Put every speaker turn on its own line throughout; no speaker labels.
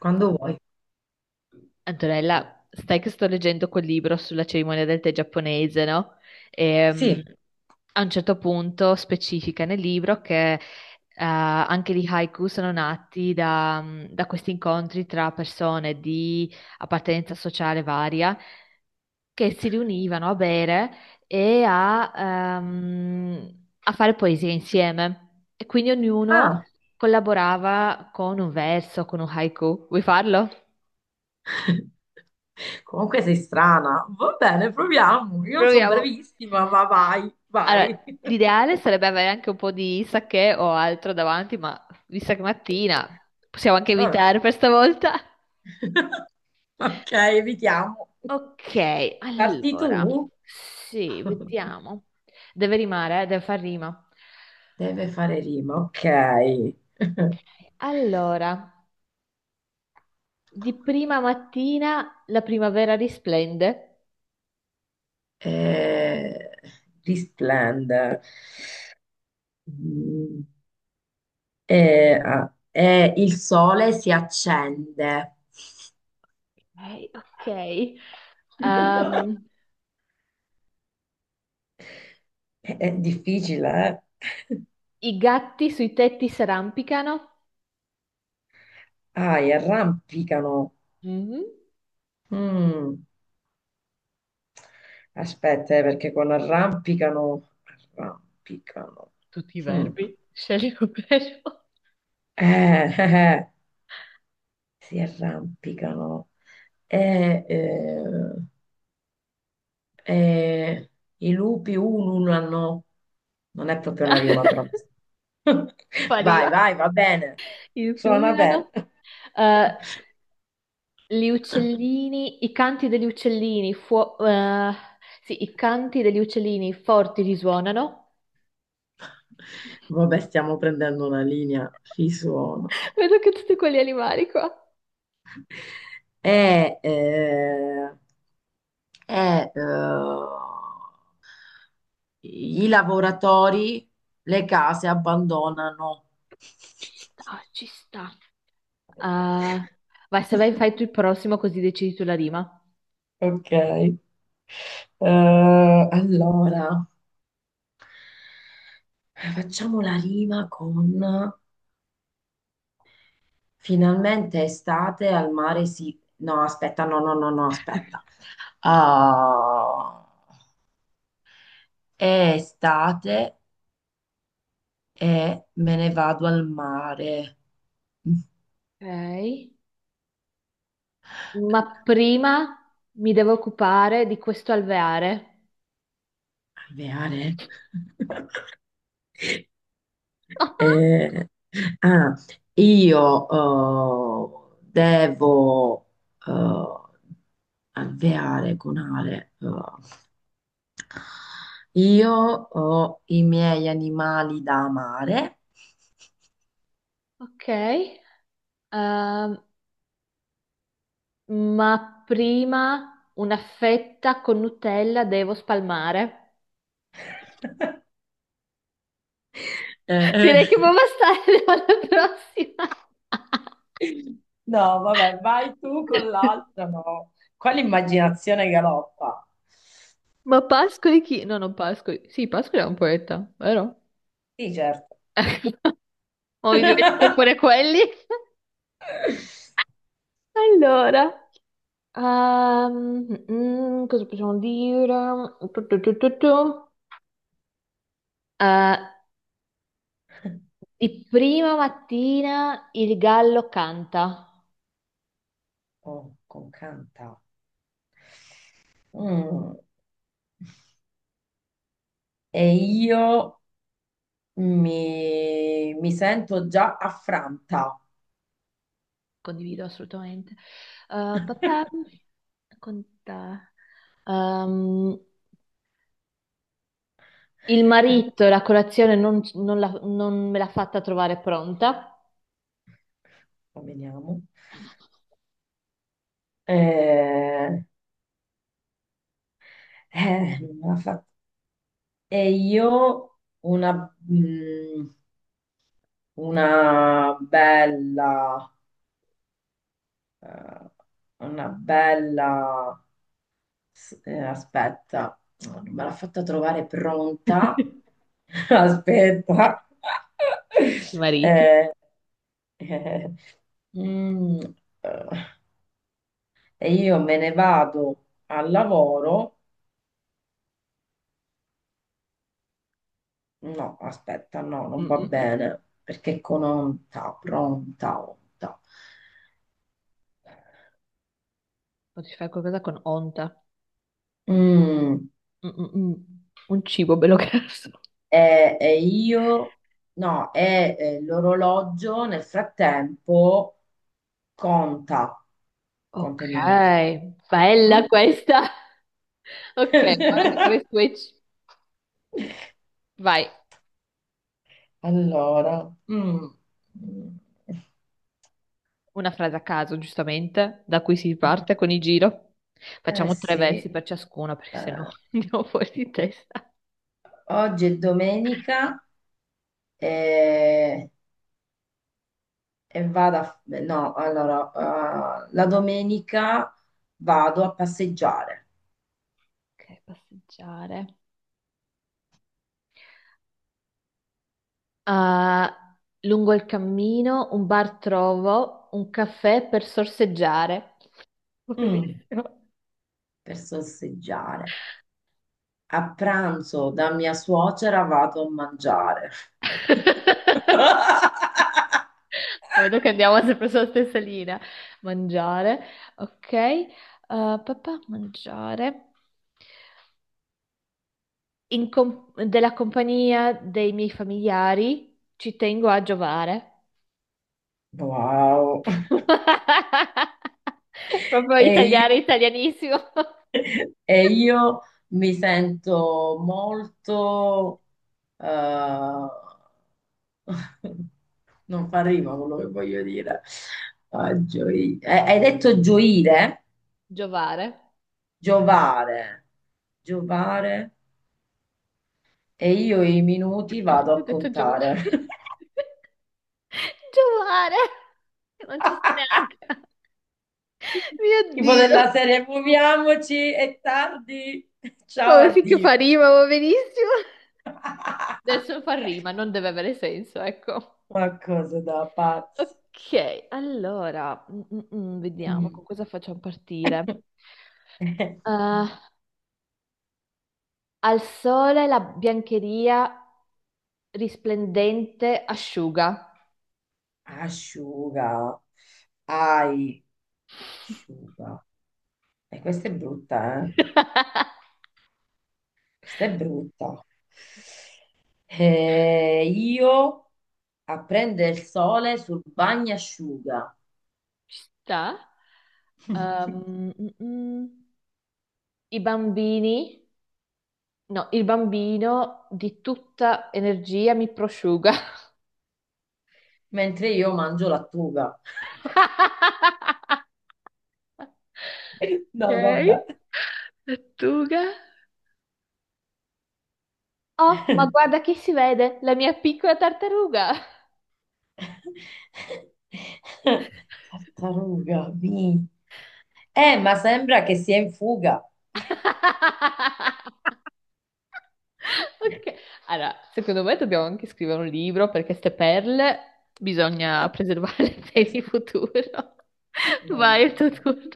Quando vuoi.
Antonella, stai che sto leggendo quel libro sulla cerimonia del tè giapponese, no? E,
Sì.
a un certo punto specifica nel libro che anche gli haiku sono nati da questi incontri tra persone di appartenenza sociale varia che si riunivano a bere e a fare poesia insieme. E quindi ognuno
Ah,
collaborava con un verso, con un haiku. Vuoi farlo?
comunque sei strana. Va bene, proviamo. Io non sono
Proviamo.
bravissima, ma vai, vai.
Allora, l'ideale sarebbe avere anche un po' di sake o altro davanti, ma vista che è mattina possiamo anche
Vabbè.
evitare per stavolta.
Ok, evitiamo.
Ok,
Parti
allora,
tu?
sì, vediamo. Deve rimare, deve far rima.
Deve fare rima, ok.
Allora, di prima mattina la primavera risplende.
Eh, Risplende. Mm, il sole si accende.
Ok, ok. Ehm,
È difficile, eh?
I gatti sui tetti s'arrampicano.
Ah, e arrampicano.
Mhm.
Mm. Aspetta, perché con arrampicano, arrampicano.
Tutti i
Mm.
verbi, scegli un verbo.
Eh, eh, eh, si arrampicano. Eh, eh, eh, I lupi ululano. Non è proprio una rima, però. Vai,
Spariva
vai, va bene.
il
Suona bene.
fulgano. Eh, gli uccellini, i canti degli uccellini, sì, i canti degli uccellini forti risuonano.
Vabbè, stiamo prendendo una linea. Risuonano.
Vedo che tutti quegli animali qua.
è, eh, è, eh, i lavoratori, le case abbandonano.
Ci sta, ci sta. Ah, vai, se vai, fai tu il prossimo così decidi tu la rima.
Ok. Allora, facciamo la rima con finalmente estate al mare si... No, aspetta, no, no, no, no, aspetta. Ah, è estate e me ne vado al mare.
Ok. Ma prima mi devo occupare di questo alveare.
Alveare? Eh, ah, io devo eh, alveare con ale. Io ho i miei animali da amare.
Ok. Ehm, ma prima una fetta con Nutella devo spalmare.
Eh,
Direi che può bastare alla prossima.
eh. No, vabbè, vai tu con l'altra, no. Qua l'immaginazione galoppa.
Ma Pascoli chi? No, non Pascoli. Sì, Pascoli è un poeta, vero?
Sì, certo.
Ma mi dimentico pure quelli. Allora, cosa possiamo dire? Tu. Eh, di prima mattina il gallo canta.
Oh, con canta. Mm, E io mi sento già affranta.
Condivido assolutamente. Papà, con te. Ehm, il marito, la colazione non me l'ha fatta trovare pronta.
Veniamo. Eh, Non me l'ha fatta. E io una, mm, una bella, eh, una bella S- aspetta. No, non me l'ha fatta trovare pronta. Aspetta.
I mariti.
Eh, eh, mm, eh, e io me ne vado al lavoro. No, aspetta, no, non va
Mm-mm-mm.
bene, perché con onta, pronta, onta.
O ti fai qualcosa con onta.
Mm,
Mm-mm-mm. Un cibo bello grasso.
e io, no, l'orologio nel frattempo conta,
Ok,
conta i minuti.
bella
Mm?
questa. Ok, ora di fare switch. Vai.
Allora. Mm. Mm.
Una frase a caso, giustamente, da cui si parte con il giro.
Eh
Facciamo tre versi
sì,
per ciascuno, perché sennò
eh,
andiamo fuori di testa.
oggi è domenica. E, e vado a... beh, no, allora, la domenica vado a passeggiare.
Ok, passeggiare. Ah, lungo il cammino, un bar trovo, un caffè per sorseggiare.
Mm,
Benissimo.
per sosseggiare. A pranzo da mia suocera vado a mangiare.
Vedo che andiamo sempre sulla stessa linea. Mangiare, ok. Ah, papà, mangiare. Della compagnia dei miei familiari ci tengo a giovare.
Wow.
Proprio
E io?
italiano, italianissimo.
E io mi sento molto... eh, Non fa rima quello che voglio dire. Ah, hai detto gioire,
Giovare.
giovare, giovare, e io i minuti vado
Perché ho
a
detto giovare?
contare.
Giovare. Non ci sto neanche. Mio
Tipo
Dio.
della serie, muoviamoci, è tardi. Ciao,
Vabbè, finché
addio.
fa rima, va benissimo. Adesso fa rima, non deve avere senso, ecco.
Ma cosa da pazzi.
Ok, allora, vediamo
Mm.
con cosa facciamo partire. Eh, al sole la biancheria risplendente asciuga.
Asciuga. Ai. Asciuga. E questa è brutta, eh? Questa è brutta. Io a prendere il sole sul bagnasciuga.
Ci sta? Ehm, mm, mm. I bambini, no, il bambino di tutta energia mi prosciuga.
Mentre io mangio lattuga.
Ok,
No, vabbè.
lattuga. Oh, ma guarda che si vede, la mia piccola tartaruga.
Tartaruga, mi. Ma sembra che sia in fuga.
Ok. Allora, secondo me dobbiamo anche scrivere un libro perché queste perle bisogna preservarle per il futuro. Vai, è il
Mamma
tuo
mia.
turno.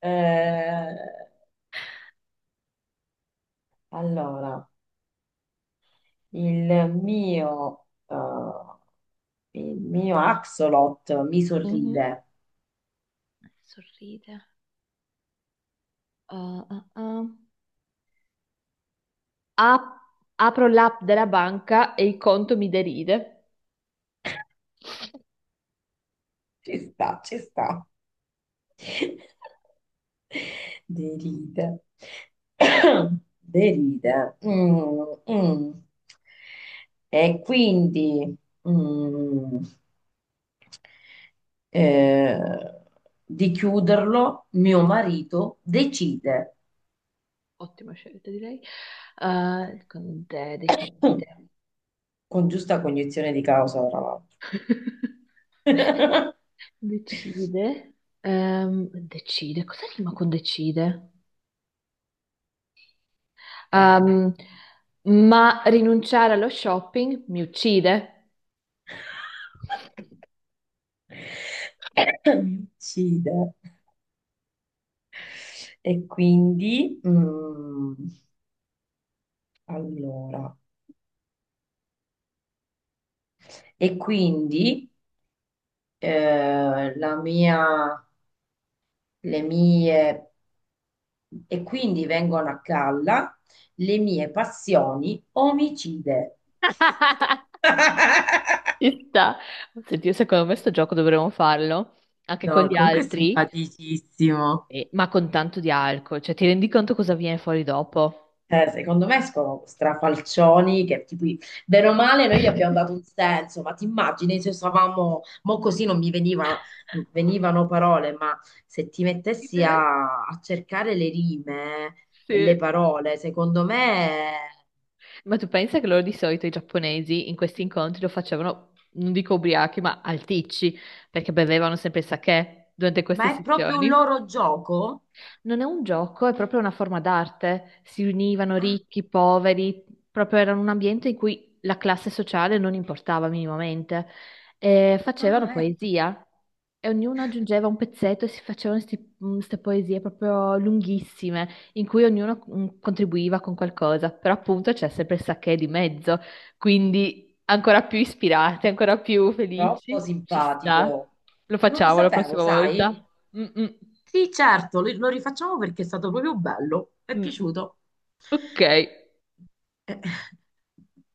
Eh, allora. Il mio, eh, il mio axolot mi
Mhm.
sorride.
Sorride. Ah, ah, ah. Ap- Apro l'app della banca e il conto mi deride.
Ci sta, ci sta. Deride. Deride. Mm, mm. E quindi mm, eh, di chiuderlo, mio marito decide,
Ottima scelta, direi. Con te decide.
con giusta cognizione di causa, tra l'altro.
Decide. Decide. Cosa rima con decide?
Eh.
Ehm, ma rinunciare allo shopping mi uccide.
Mi uccide. E quindi, allora, e quindi eh, la mia, le mie, e quindi vengono a galla le mie passioni omicide.
Ci sta. Senti, io secondo me sto gioco dovremmo farlo anche con
No,
gli
comunque è
altri,
simpaticissimo.
ma con tanto di alcol. Cioè, ti rendi conto cosa viene fuori dopo?
Secondo me escono strafalcioni che tipo, bene o male noi gli abbiamo dato un senso, ma ti immagini se stavamo, mo così non mi veniva, venivano parole, ma se ti mettessi
Ridere?
a cercare le rime e le
Sì.
parole, secondo me,
Ma tu pensa che loro di solito i giapponesi in questi incontri lo facevano, non dico ubriachi, ma alticci, perché bevevano sempre il sake durante queste
ma è proprio un
sessioni?
loro gioco?
Non è un gioco, è proprio una forma d'arte. Si univano
Ah,
ricchi, poveri, proprio era un ambiente in cui la classe sociale non importava minimamente. E facevano
ah, ecco,
poesia e ognuno aggiungeva un pezzetto e si facevano queste poesie proprio lunghissime, in cui ognuno contribuiva con qualcosa. Però appunto c'è sempre il sacché di mezzo, quindi ancora più ispirati, ancora più
troppo
felici. Ci sta.
simpatico.
Lo
Non lo
facciamo la
sapevo,
prossima
sai?
volta. Mm, mm,
Sì, certo, lo rifacciamo perché è stato proprio bello, mi è
mm.
piaciuto.
Ok.
Eh.